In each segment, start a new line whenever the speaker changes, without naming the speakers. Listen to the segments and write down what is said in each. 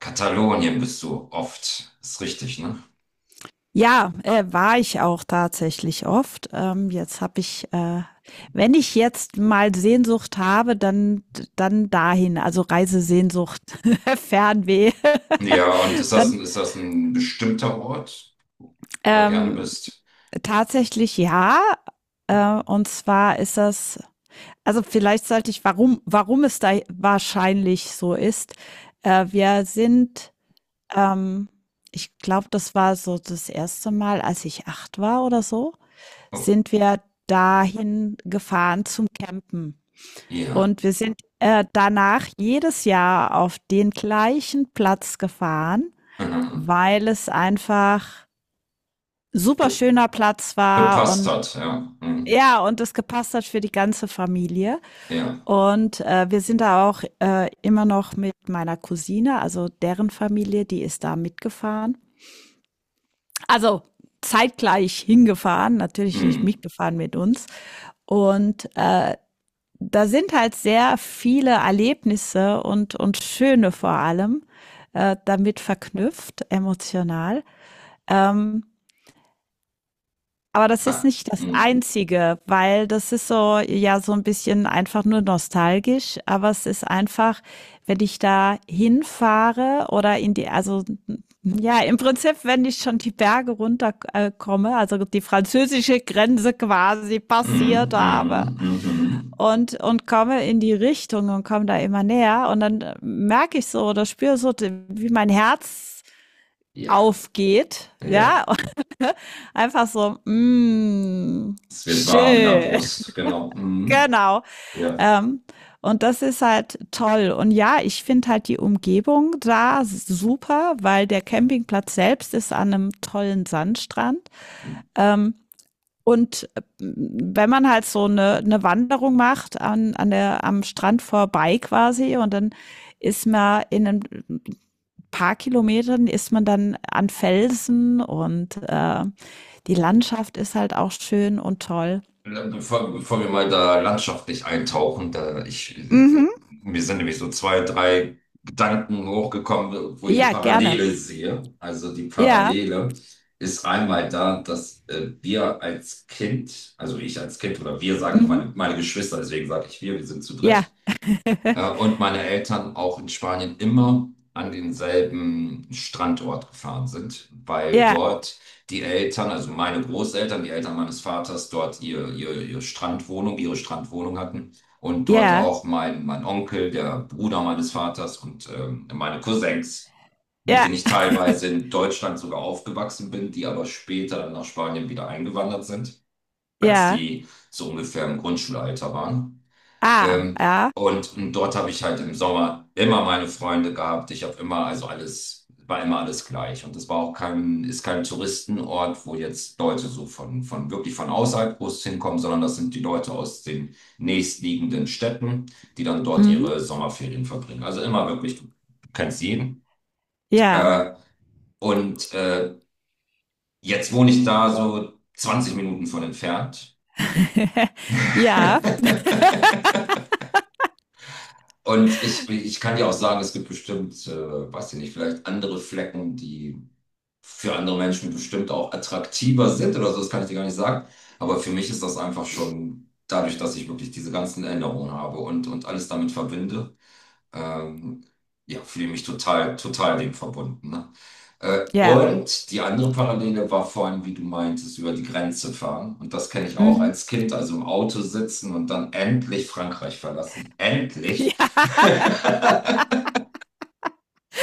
Katalonien bist du oft. Ist richtig, ne?
Ja, war ich auch tatsächlich oft. Jetzt habe ich, wenn ich jetzt mal Sehnsucht habe, dann dahin, also Reisesehnsucht, Fernweh,
Ja, und ist das,
dann
ist das ein bestimmter Ort, wo du gerne
ähm,
bist?
tatsächlich ja. Und zwar ist das, also vielleicht sollte ich, warum es da wahrscheinlich so ist. Wir sind ähm, Ich glaube, das war so das erste Mal, als ich 8 war oder so,
Oh,
sind wir dahin gefahren zum Campen.
ja.
Und wir sind danach jedes Jahr auf den gleichen Platz gefahren,
Mhm.
weil es einfach super
Ge
schöner Platz war
gepasst
und
hat, ja. Mhm.
ja, und es gepasst hat für die ganze Familie.
Ja.
Und wir sind da auch immer noch mit meiner Cousine, also deren Familie, die ist da mitgefahren. Also zeitgleich hingefahren, natürlich nicht
Mhm.
mitgefahren mit uns. Und da sind halt sehr viele Erlebnisse und schöne vor allem damit verknüpft, emotional. Ähm, aber das ist
Ha.
nicht das
Mhm.
Einzige, weil das ist so, ja, so ein bisschen einfach nur nostalgisch, aber es ist einfach, wenn ich da hinfahre oder in die, also ja, im Prinzip, wenn ich schon die Berge runterkomme, also die französische Grenze quasi
Mhm.
passiert habe,
Mhm. Mhm.
und komme in die Richtung und komme da immer näher. Und dann merke ich so oder spüre so, wie mein Herz
Ja.
aufgeht.
Ja.
Ja, und einfach so,
Es wird warm in der
schön,
Brust, genau. Mhm.
genau.
Ja.
Ähm, und das ist halt toll. Und ja, ich finde halt die Umgebung da super, weil der
Mhm.
Campingplatz selbst ist an einem tollen Sandstrand. Ähm, Und wenn man halt so eine Wanderung macht am Strand vorbei quasi und dann ist man in ein paar Kilometern ist man dann an Felsen und die Landschaft ist halt auch schön und toll.
Bevor wir mal da landschaftlich eintauchen, da ich,
Mhm.
mir sind nämlich so zwei, drei Gedanken hochgekommen, wo ich eine
Ja, gerne.
Parallele sehe. Also die
Ja.
Parallele ist einmal da, dass wir als Kind, also ich als Kind oder wir, sage ich
Mhm.
meine Geschwister, deswegen sage ich wir sind zu
Ja.
dritt. Und meine Eltern auch in Spanien immer an denselben Standort gefahren sind, weil
Ja.
dort die Eltern, also meine Großeltern, die Eltern meines Vaters, dort ihre Strandwohnung hatten. Und dort
Ja.
auch mein Onkel, der Bruder meines Vaters und meine Cousins, mit
Ja.
denen ich teilweise in Deutschland sogar aufgewachsen bin, die aber später dann nach Spanien wieder eingewandert sind, als
Ja.
die so ungefähr im Grundschulalter waren.
Ah.
Ähm,
Ja.
und dort habe ich halt im Sommer immer meine Freunde gehabt. Ich habe immer, also alles, war immer alles gleich. Und das war auch kein, ist kein Touristenort, wo jetzt Leute so von wirklich von außerhalb groß hinkommen, sondern das sind die Leute aus den nächstliegenden Städten, die dann dort
Mhm.
ihre Sommerferien verbringen. Also immer wirklich, du kennst jeden.
Ja.
Äh, und jetzt wohne ich da so 20 Minuten von entfernt.
Ja.
Und ich kann dir auch sagen, es gibt bestimmt, weiß ich nicht, vielleicht andere Flecken, die für andere Menschen bestimmt auch attraktiver sind oder so, das kann ich dir gar nicht sagen. Aber für mich ist das einfach schon dadurch, dass ich wirklich diese ganzen Erinnerungen habe und alles damit verbinde, ähm, ja, fühle mich total, total dem verbunden. Ne? Äh,
Ja.
und die andere Parallele war vorhin, wie du meintest, über die Grenze fahren. Und das kenne ich auch
Mhm.
als Kind, also im Auto sitzen und dann endlich Frankreich verlassen. Endlich!
Ja.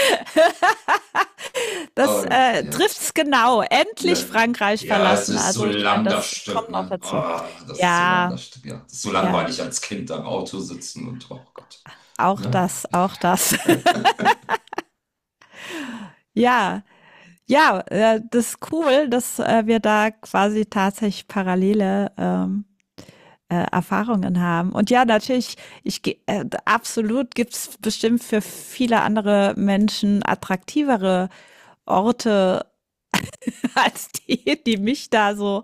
Das
Und ja,
trifft's genau.
ja.
Endlich Frankreich
Ja, es
verlassen.
ist so
Also ich meine,
lang das
das
Stück,
kommt noch
ne?
dazu.
Ah, das ist so lang
Ja,
das Stück, ja. Das ist so
ja,
langweilig als Kind am Auto sitzen und oh Gott,
auch
ne?
das, auch das. Ja, ja, das ist cool, dass wir da quasi tatsächlich parallele Erfahrungen haben. Und ja, natürlich, absolut gibt's bestimmt für viele andere Menschen attraktivere Orte als die, die mich da so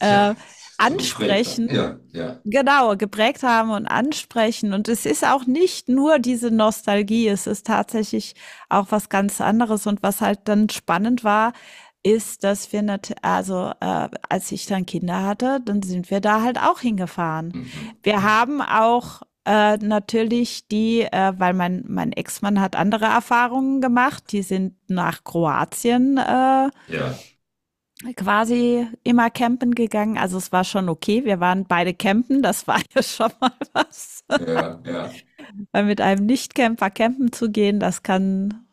Tja, so geprägt dann.
ansprechen.
Ja, ja.
Genau, geprägt haben und ansprechen. Und es ist auch nicht nur diese Nostalgie, es ist tatsächlich auch was ganz anderes. Und was halt dann spannend war, ist, dass wir nat also als ich dann Kinder hatte, dann sind wir da halt auch hingefahren.
Mhm,
Wir
ja.
haben auch natürlich die, weil mein Ex-Mann hat andere Erfahrungen gemacht. Die sind nach Kroatien
Ja,
quasi immer campen gegangen. Also es war schon okay. Wir waren beide campen. Das war ja schon mal was.
ja, ja.
Weil mit einem Nicht-Camper campen zu gehen, das kann,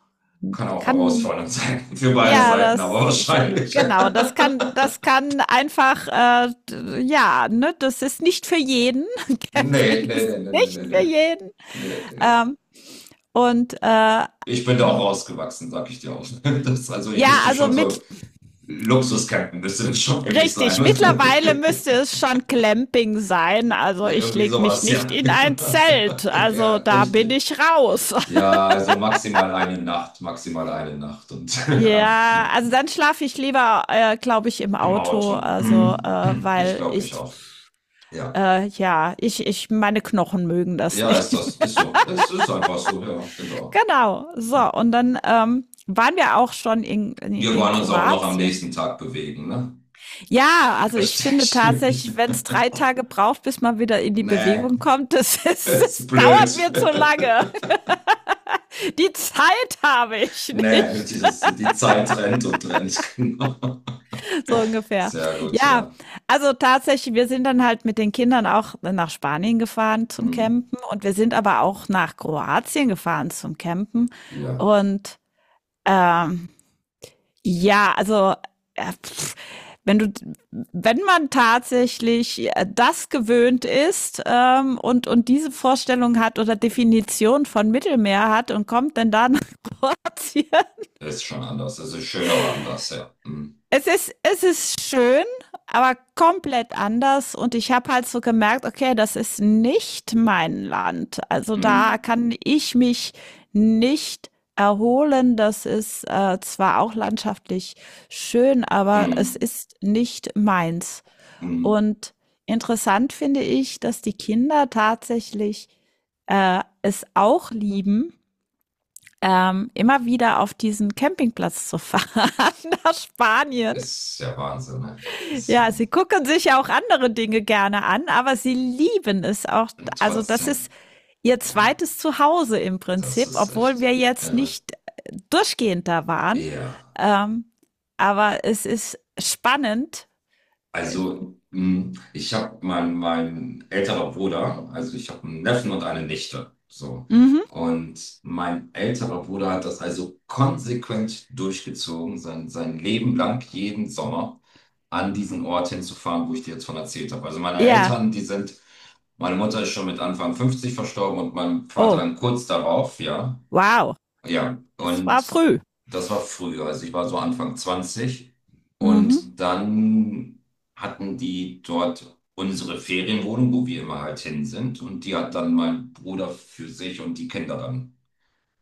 Kann auch
kann,
herausfordernd sein für beide
ja,
Seiten, aber
das,
wahrscheinlich.
genau, das kann einfach, ja, ne, das ist nicht für jeden.
Nee,
Camping
nee,
ist
nee, nee, nee,
nicht für
nee,
jeden.
nee, nee. Nee.
Ähm, und
Ich bin da auch rausgewachsen, sag ich dir auch. Das, also ich
ja,
müsste
also
schon
mit.
so Luxuscampen, müsste das schon für mich sein.
Richtig, mittlerweile müsste es schon Clamping sein. Also ich
Irgendwie
lege mich
sowas,
nicht
ja.
in ein Zelt.
Ja,
Also da bin
richtig.
ich raus.
Ja, also maximal eine Nacht und ja,
Ja, also
genau.
dann schlafe ich lieber, glaube ich, im
Im
Auto.
Auto.
Also,
Ich
weil
glaube,
ich,
ich auch. Ja.
ja, ich, meine Knochen mögen das
Ja,
nicht.
ist das, ist so. Es ist einfach so, ja, genau.
Genau. So, und dann waren wir auch schon in, in,
Wir
in
wollen uns auch noch am
Kroatien.
nächsten Tag bewegen, ne?
Ja, also ich finde
Richtig.
tatsächlich, wenn es 3 Tage braucht, bis man wieder in die
Nee,
Bewegung kommt, das, ist,
ist
das dauert mir zu
blöd.
lange. Die Zeit habe ich
Nee, die,
nicht.
das, die Zeit rennt und rennt, genau.
So ungefähr.
Sehr gut,
Ja,
ja.
also tatsächlich, wir sind dann halt mit den Kindern auch nach Spanien gefahren zum
Mhm.
Campen und wir sind aber auch nach Kroatien gefahren zum Campen.
Ja,
Und ähm, ja, also, äh, pff, wenn du wenn man tatsächlich das gewöhnt ist, und diese Vorstellung hat oder Definition von Mittelmeer hat und kommt dann da nach Kroatien.
ist schon anders. Es ist schön, aber anders, ja. Mhm.
Es ist schön, aber komplett anders und ich habe halt so gemerkt: „Okay, das ist nicht mein Land.“ Also, da
Mhm.
kann ich mich nicht erholen. Das ist, zwar auch landschaftlich schön, aber es
Mhm.
ist nicht meins.
Mhm.
Und interessant finde ich, dass die Kinder tatsächlich, es auch lieben, immer wieder auf diesen Campingplatz zu fahren nach Spanien.
Ist ja Wahnsinn, ne? Ist ja
Ja, sie
Wahnsinn.
gucken sich ja auch andere Dinge gerne an, aber sie lieben es auch.
Und
Also das ist
trotzdem,
ihr
ja,
zweites Zuhause im
das
Prinzip,
ist
obwohl
echt
wir jetzt
irre.
nicht durchgehend da waren.
Ja.
Ähm, aber es ist spannend.
Also, ich habe mein, älterer Bruder, also ich habe einen Neffen und eine Nichte. So.
Mhm.
Und mein älterer Bruder hat das also konsequent durchgezogen, sein Leben lang, jeden Sommer an diesen Ort hinzufahren, wo ich dir jetzt von erzählt habe. Also meine
Ja,
Eltern, die sind, meine Mutter ist schon mit Anfang 50 verstorben und mein Vater
oh,
dann kurz darauf, ja.
wow,
Ja,
das war
und
früh.
das war früher. Also ich war so Anfang 20
Mhm.
und dann hatten die dort unsere Ferienwohnung, wo wir immer halt hin sind. Und die hat dann mein Bruder für sich und die Kinder dann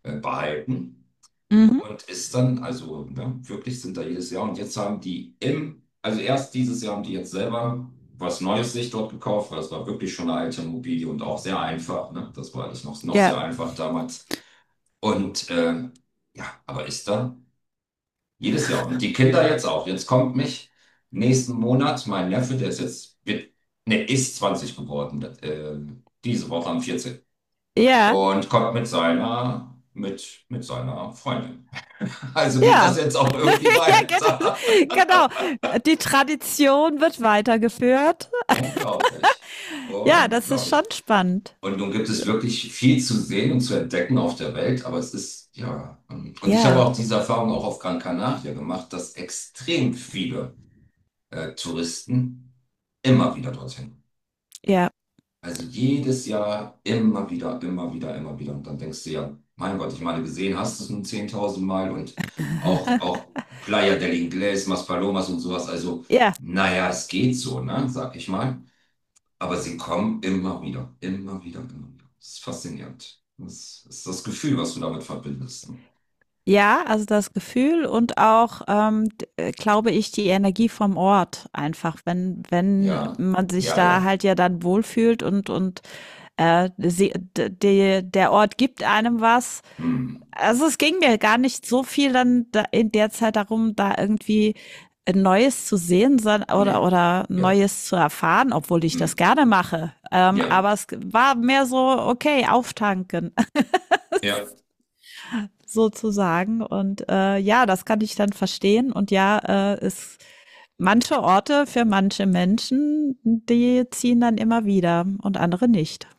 behalten.
Mhm.
Und ist dann, also ne, wirklich sind da jedes Jahr. Und jetzt haben die im, also erst dieses Jahr haben die jetzt selber was Neues sich dort gekauft, weil es war wirklich schon eine alte Immobilie und auch sehr einfach. Ne? Das war alles noch,
Ja.
sehr einfach damals. Und ja, aber ist da jedes Jahr. Und die Kinder jetzt auch. Jetzt kommt mich nächsten Monat mein Neffe, der ist jetzt, wird, ne, ist 20 geworden, diese Woche am 14.
Ja,
Und kommt mit seiner Freundin. Also geht
ja,
das jetzt auch irgendwie
ja,
weiter.
genau. Die Tradition wird weitergeführt.
Unglaublich.
Ja, das ist schon
Unglaublich.
spannend.
Und nun gibt es wirklich viel zu sehen und zu entdecken auf der Welt, aber es ist, ja. Und ich habe
Ja,
auch diese Erfahrung auch auf Gran Canaria gemacht, dass extrem viele Touristen immer wieder dorthin.
ja,
Also jedes Jahr immer wieder, immer wieder, immer wieder. Und dann denkst du ja, mein Gott, ich meine, gesehen hast du es nun 10.000 Mal und auch Playa del Inglés, Maspalomas und sowas. Also,
ja.
naja, es geht so, ne, sag ich mal. Aber sie kommen immer wieder, immer wieder, immer wieder. Das ist faszinierend. Das ist das Gefühl, was du damit verbindest. Ne?
Ja, also das Gefühl und auch, d glaube ich, die Energie vom Ort einfach, wenn
Ja,
man sich
ja,
da
ja.
halt ja dann wohlfühlt und, sie d de der Ort gibt einem was.
Hm.
Also, es ging mir gar nicht so viel dann da in der Zeit darum, da irgendwie, Neues zu sehen, son
Nee.
oder
Ja.
Neues zu erfahren, obwohl ich das
Hm.
gerne mache.
Ja.
Aber es war mehr so: „Okay, auftanken.“
Ja.
sozusagen. Und ja, das kann ich dann verstehen. Und ja, ist manche Orte für manche Menschen, die ziehen dann immer wieder und andere nicht.